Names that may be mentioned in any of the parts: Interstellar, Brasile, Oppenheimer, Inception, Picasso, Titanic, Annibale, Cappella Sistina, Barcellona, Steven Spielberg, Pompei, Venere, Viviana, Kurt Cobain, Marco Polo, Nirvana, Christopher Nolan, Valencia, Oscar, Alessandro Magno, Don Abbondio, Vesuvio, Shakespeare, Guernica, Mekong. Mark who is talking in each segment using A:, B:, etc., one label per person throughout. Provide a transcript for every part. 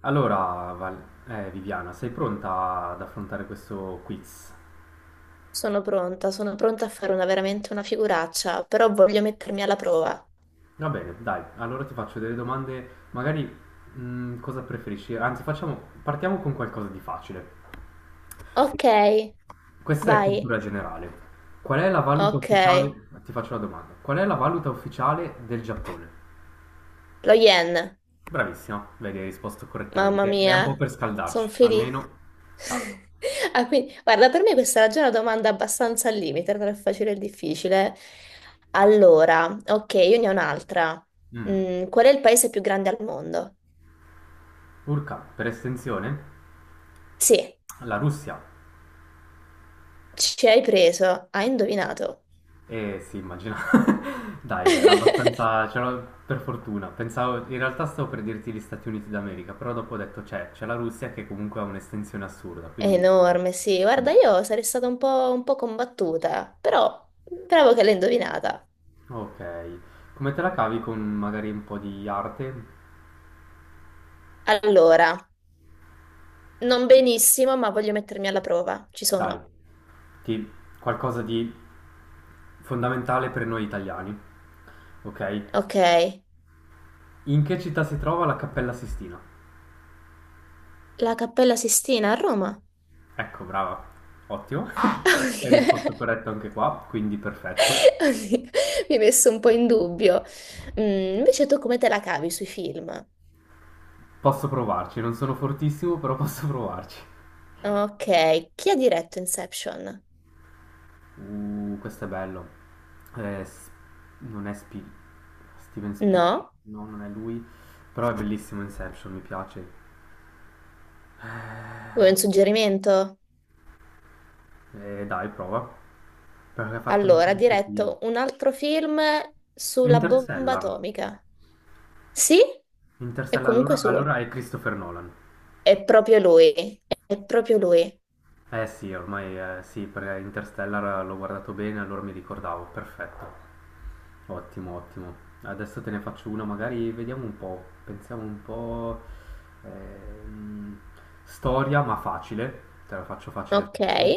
A: Allora, Viviana, sei pronta ad affrontare questo quiz?
B: Sono pronta, a fare una, veramente una figuraccia, però voglio mettermi alla prova.
A: Va bene, dai, allora ti faccio delle domande, magari cosa preferisci? Anzi, partiamo con qualcosa di facile.
B: Ok,
A: Questa è
B: vai.
A: cultura generale. Qual è la valuta
B: Ok,
A: ufficiale? Ti faccio la domanda. Qual è la valuta ufficiale del Giappone?
B: lo yen.
A: Bravissima, vedi, hai risposto
B: Mamma
A: correttamente. È un po'
B: mia,
A: per
B: sono
A: scaldarci,
B: felice.
A: almeno tac.
B: Ah, quindi, guarda, per me questa era già una domanda abbastanza al limite, tra il facile e il difficile. Allora, ok, io ne ho un'altra.
A: Mm.
B: Mm, qual è il paese più grande al mondo?
A: Urca, per estensione,
B: Sì,
A: la Russia.
B: ci hai preso, hai indovinato.
A: Eh sì, immagino. Dai, era abbastanza, per fortuna. Pensavo, in realtà stavo per dirti gli Stati Uniti d'America, però dopo ho detto c'è la Russia che comunque ha un'estensione assurda,
B: È
A: quindi.
B: enorme, sì.
A: mm,
B: Guarda, io sarei stata un po' combattuta, però bravo che l'hai indovinata.
A: Ok. Come te la cavi con magari un po' di arte?
B: Allora, non benissimo, ma voglio mettermi alla prova. Ci
A: Dai,
B: sono.
A: ti- qualcosa di fondamentale per noi italiani. Ok.
B: Ok.
A: In che città si trova la Cappella Sistina?
B: La Cappella Sistina a Roma.
A: Ecco, brava. Ottimo. Hai risposto
B: Ok.
A: corretto anche qua, quindi perfetto.
B: Oddio, mi hai messo un po' in dubbio. Mm, invece tu come te la cavi sui film?
A: Posso provarci, non sono fortissimo, però posso provarci.
B: Ok. Chi ha diretto Inception?
A: Questo è bello. Eh, s- non è Steven Spielberg,
B: No?
A: no, non è lui, però è bellissimo Inception, mi piace.
B: Vuoi
A: Eh,
B: un suggerimento?
A: dai, prova, perché ha fatto anche
B: Allora, ha
A: altri film.
B: diretto un altro film sulla bomba
A: Interstellar.
B: atomica. Sì, è
A: Interstellar,
B: comunque
A: allora,
B: suo.
A: allora è Christopher Nolan.
B: È proprio lui. È proprio lui.
A: Eh sì, ormai sì, perché Interstellar l'ho guardato bene, allora mi ricordavo, perfetto. Ottimo, ottimo. Adesso te ne faccio una, magari vediamo un po', pensiamo un po'. ehm, storia, ma facile, te la faccio facile,
B: Ok.
A: facile.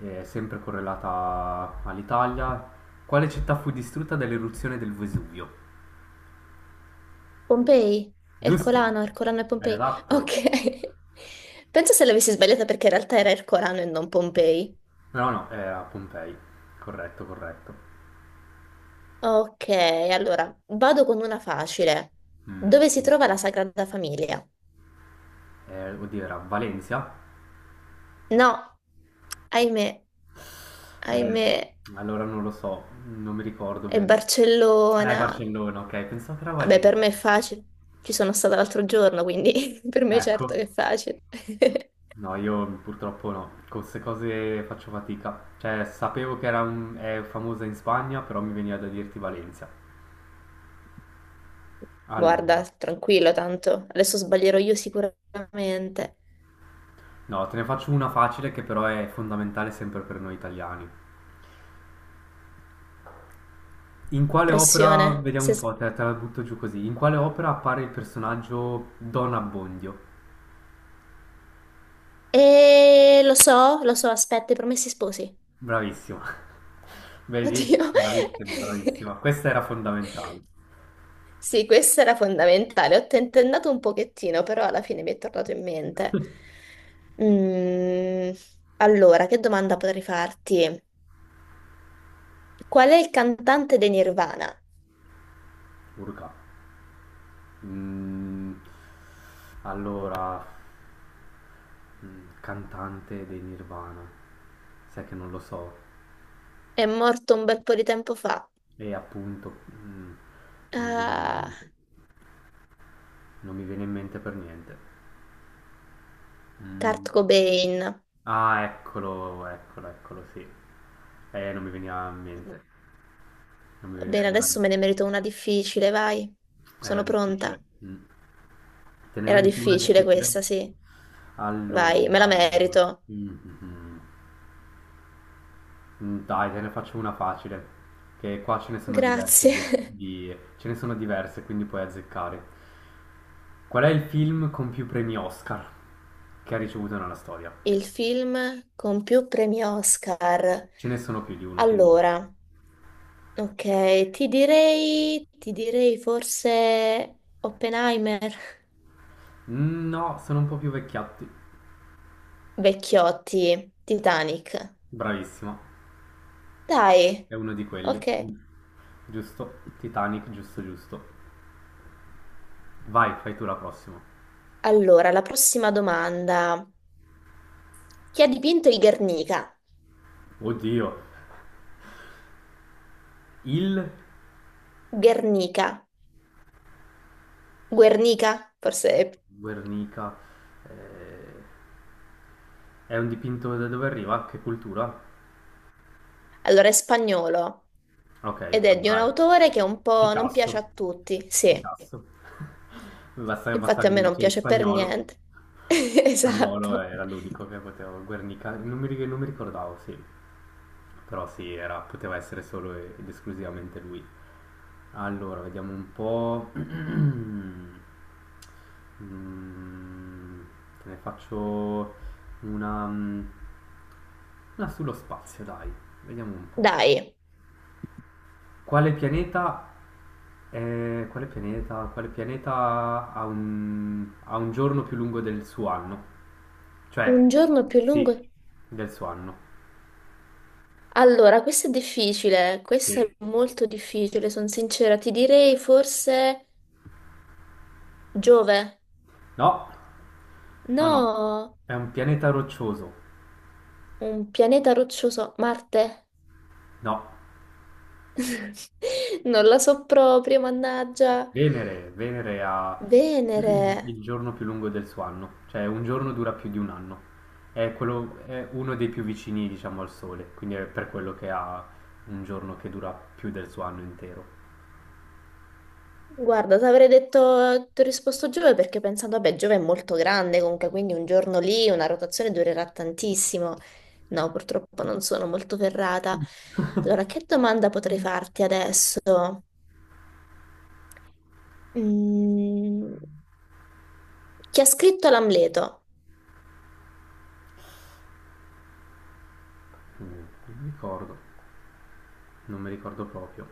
A: Sempre correlata all'Italia. Quale città fu distrutta dall'eruzione del Vesuvio?
B: Pompei.
A: Giusto?
B: Ercolano, Ercolano e
A: È
B: Pompei.
A: adatto.
B: Ok. Penso se l'avessi sbagliata perché in realtà era Ercolano e non Pompei.
A: No, no, era Pompei. Corretto, corretto.
B: Ok, allora vado con una facile.
A: Mm.
B: Dove si trova la Sagrada Famiglia?
A: Oddio, era Valencia?
B: No, ahimè,
A: Eh,
B: ahimè,
A: allora non lo so, non mi ricordo
B: è
A: bene.
B: Barcellona.
A: Barcellona, ok, pensavo che era
B: Vabbè, per
A: Valencia.
B: me è facile. Ci sono stata l'altro giorno, quindi per me
A: Ecco.
B: certo che è facile.
A: No, io purtroppo no, con queste cose faccio fatica. Cioè, sapevo che è famosa in Spagna, però mi veniva da dirti Valencia.
B: Guarda,
A: Allora,
B: tranquillo tanto. Adesso sbaglierò io sicuramente.
A: no, te ne faccio una facile che però è fondamentale sempre per noi italiani. In quale opera,
B: Pressione.
A: vediamo
B: Se
A: un
B: s-
A: po', te la butto giù così, in quale opera appare il personaggio Don Abbondio?
B: Lo so, aspetta, i promessi sposi.
A: Bravissima. Vedi?
B: Oddio.
A: Bravissima, bravissima. Questa era fondamentale.
B: Sì, questa era fondamentale. Ho tentennato un pochettino, però alla fine mi è tornato in mente. Mm, allora, che domanda potrei farti? Qual è il cantante dei Nirvana?
A: Urca. Mm, allora, cantante dei Nirvana. Sai che non lo so.
B: È morto un bel po' di tempo fa.
A: E appunto, non mi viene in
B: Ah,
A: mente. Non mi viene in mente per niente. Mm.
B: Kurt Cobain.
A: Ah, eccolo, eccolo, eccolo, sì. Non mi veniva in mente. Non mi veniva-
B: Bene,
A: era,
B: adesso me ne merito una difficile, vai.
A: era
B: Sono pronta.
A: difficile. Mm. Te ne
B: Era
A: meriti una
B: difficile
A: difficile?
B: questa, sì. Vai, me la
A: Allora.
B: merito.
A: Mm, mm, mm. Dai, te ne faccio una facile, che qua ce ne sono diverse,
B: Grazie.
A: ce ne sono diverse, quindi puoi azzeccare. Qual è il film con più premi Oscar che ha ricevuto nella storia?
B: Il film con più premi Oscar.
A: Ce ne sono più di uno, quindi.
B: Allora, ok, ti direi, forse Oppenheimer.
A: Mm, no, sono un po' più vecchiotti.
B: Vecchiotti, Titanic.
A: Bravissimo,
B: Dai,
A: è uno di quelli.
B: ok.
A: Giusto, Titanic, giusto, giusto. Vai, fai tu la prossima.
B: Allora, la prossima domanda. Chi ha dipinto il Guernica?
A: Oddio, il
B: Guernica. Guernica, forse. è-
A: Guernica, eh, è un dipinto da dove arriva? Che cultura?
B: Allora, è spagnolo
A: Ok,
B: ed è di un
A: allora è
B: autore che un po' non piace
A: Picasso.
B: a tutti. Sì,
A: Picasso. Basta, basta
B: infatti a
A: che
B: me
A: mi
B: non
A: dice
B: piace per
A: spagnolo.
B: niente.
A: Spagnolo
B: Esatto.
A: era l'unico che poteva, Guernica, non mi ricordavo, sì, però sì, poteva essere solo ed esclusivamente lui. Allora, vediamo un po'. Mm, te ne faccio, una, mm, una sullo spazio, dai, vediamo un po'.
B: Dai,
A: Quale pianeta, è- quale pianeta ha un giorno più lungo del suo anno?
B: un
A: Cioè,
B: giorno più
A: sì,
B: lungo.
A: del suo anno.
B: Allora, questo è difficile, questo è
A: Sì.
B: molto difficile, sono sincera, ti direi forse Giove.
A: No, no, no,
B: No,
A: è un pianeta roccioso.
B: un pianeta roccioso, Marte.
A: No,
B: Non la so proprio, mannaggia.
A: Venere, Venere ha
B: Venere.
A: il giorno più lungo del suo anno, cioè un giorno dura più di un anno. È quello, è uno dei più vicini, diciamo, al Sole, quindi è per quello che ha un giorno che dura più del suo anno intero.
B: Guarda, ti avrei detto, ti ho risposto Giove perché pensando, vabbè, Giove è molto grande comunque, quindi un giorno lì una rotazione durerà tantissimo. No, purtroppo non sono molto ferrata. Allora, che domanda potrei farti adesso? Mm, chi ha scritto l'Amleto?
A: Mm, Non mi ricordo, non mi ricordo proprio.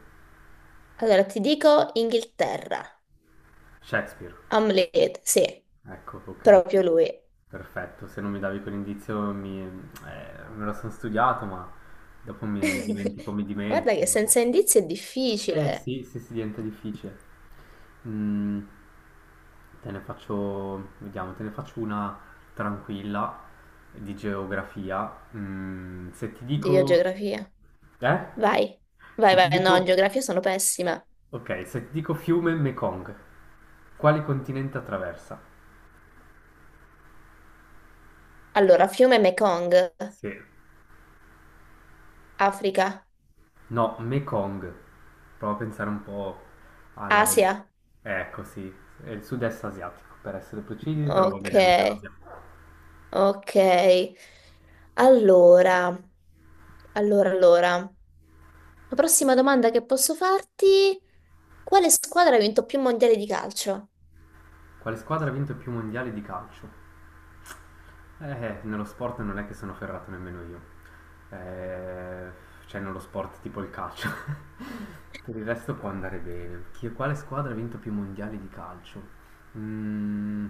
B: Allora, ti dico Inghilterra.
A: Shakespeare.
B: Hamlet, sì,
A: Ecco, ok,
B: proprio
A: sì.
B: lui.
A: Perfetto, se non mi davi quell'indizio mi, me lo sono studiato, ma dopo mi, mi dimentico, mi
B: Guarda
A: dimentico.
B: che
A: Dopo.
B: senza indizi è
A: Eh
B: difficile.
A: sì, sì, sì, diventa difficile. Mm, te ne faccio, vediamo, te ne faccio una tranquilla di geografia. Se ti
B: Dio,
A: dico.
B: geografia.
A: Eh?
B: Vai,
A: Se ti
B: no, in
A: dico.
B: geografia sono pessima.
A: Ok, se ti dico fiume Mekong, quale continente attraversa?
B: Allora, fiume Mekong,
A: Sì.
B: Africa,
A: No, Mekong. Prova a pensare un po' alla.
B: Asia.
A: Ecco, sì, è il sud-est asiatico, per essere precisi, però va
B: Ok,
A: bene anche Asia.
B: ok. Allora, allora. La prossima domanda che posso farti, quale squadra ha vinto più mondiali di calcio?
A: Quale squadra ha vinto più mondiali di calcio? Nello sport non è che sono ferrato nemmeno io. Eh, cioè, nello sport tipo il calcio. Per il resto può andare bene. Quale squadra ha vinto più mondiali di calcio? Mm,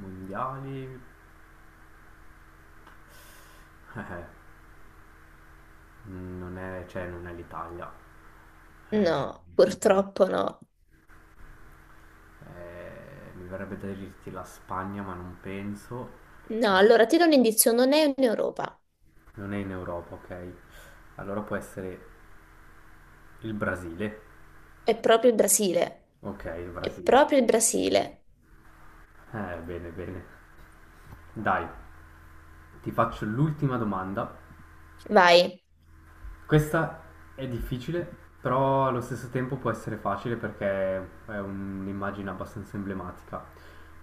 A: mondiali? Eh, non è, cioè, non è l'Italia. Eh,
B: No,
A: mm,
B: purtroppo no.
A: mi verrebbe da dirti la Spagna, ma non penso.
B: No, allora ti do un indizio, non è in Europa,
A: Non è in Europa, ok? Allora può essere il Brasile.
B: è proprio il Brasile.
A: Ok, il
B: È
A: Brasile.
B: proprio il Brasile.
A: Bene, bene. Dai, ti faccio l'ultima domanda.
B: Vai.
A: Questa è difficile, però allo stesso tempo può essere facile perché è un'immagine abbastanza emblematica.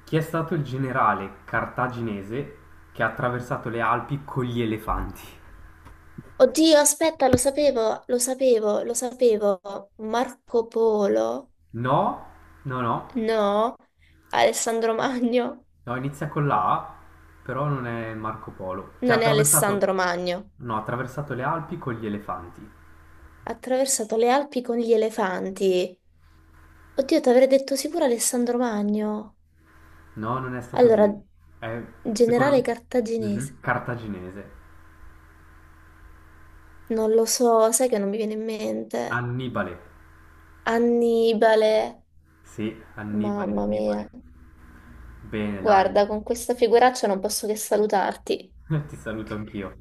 A: Chi è stato il generale cartaginese che ha attraversato le Alpi con gli elefanti?
B: Oddio, aspetta, lo sapevo, lo sapevo. Marco Polo.
A: No, no, no.
B: No, Alessandro Magno,
A: No, inizia con la A, però non è Marco Polo. Cioè, ha
B: non è
A: attraversato.
B: Alessandro Magno.
A: No, ha attraversato le Alpi con gli elefanti.
B: Ha attraversato le Alpi con gli elefanti. Oddio, ti avrei detto sicuro Alessandro Magno.
A: No, non è stato
B: Allora,
A: lui. È, Secondo
B: generale
A: me.
B: cartaginese.
A: Mhm. Cartaginese.
B: Non lo so, sai che non mi viene in mente.
A: Annibale.
B: Annibale.
A: Sì, Annibale,
B: Mamma mia.
A: Annibale. Bene, dai.
B: Guarda, con questa figuraccia non posso che salutarti.
A: Ti saluto anch'io.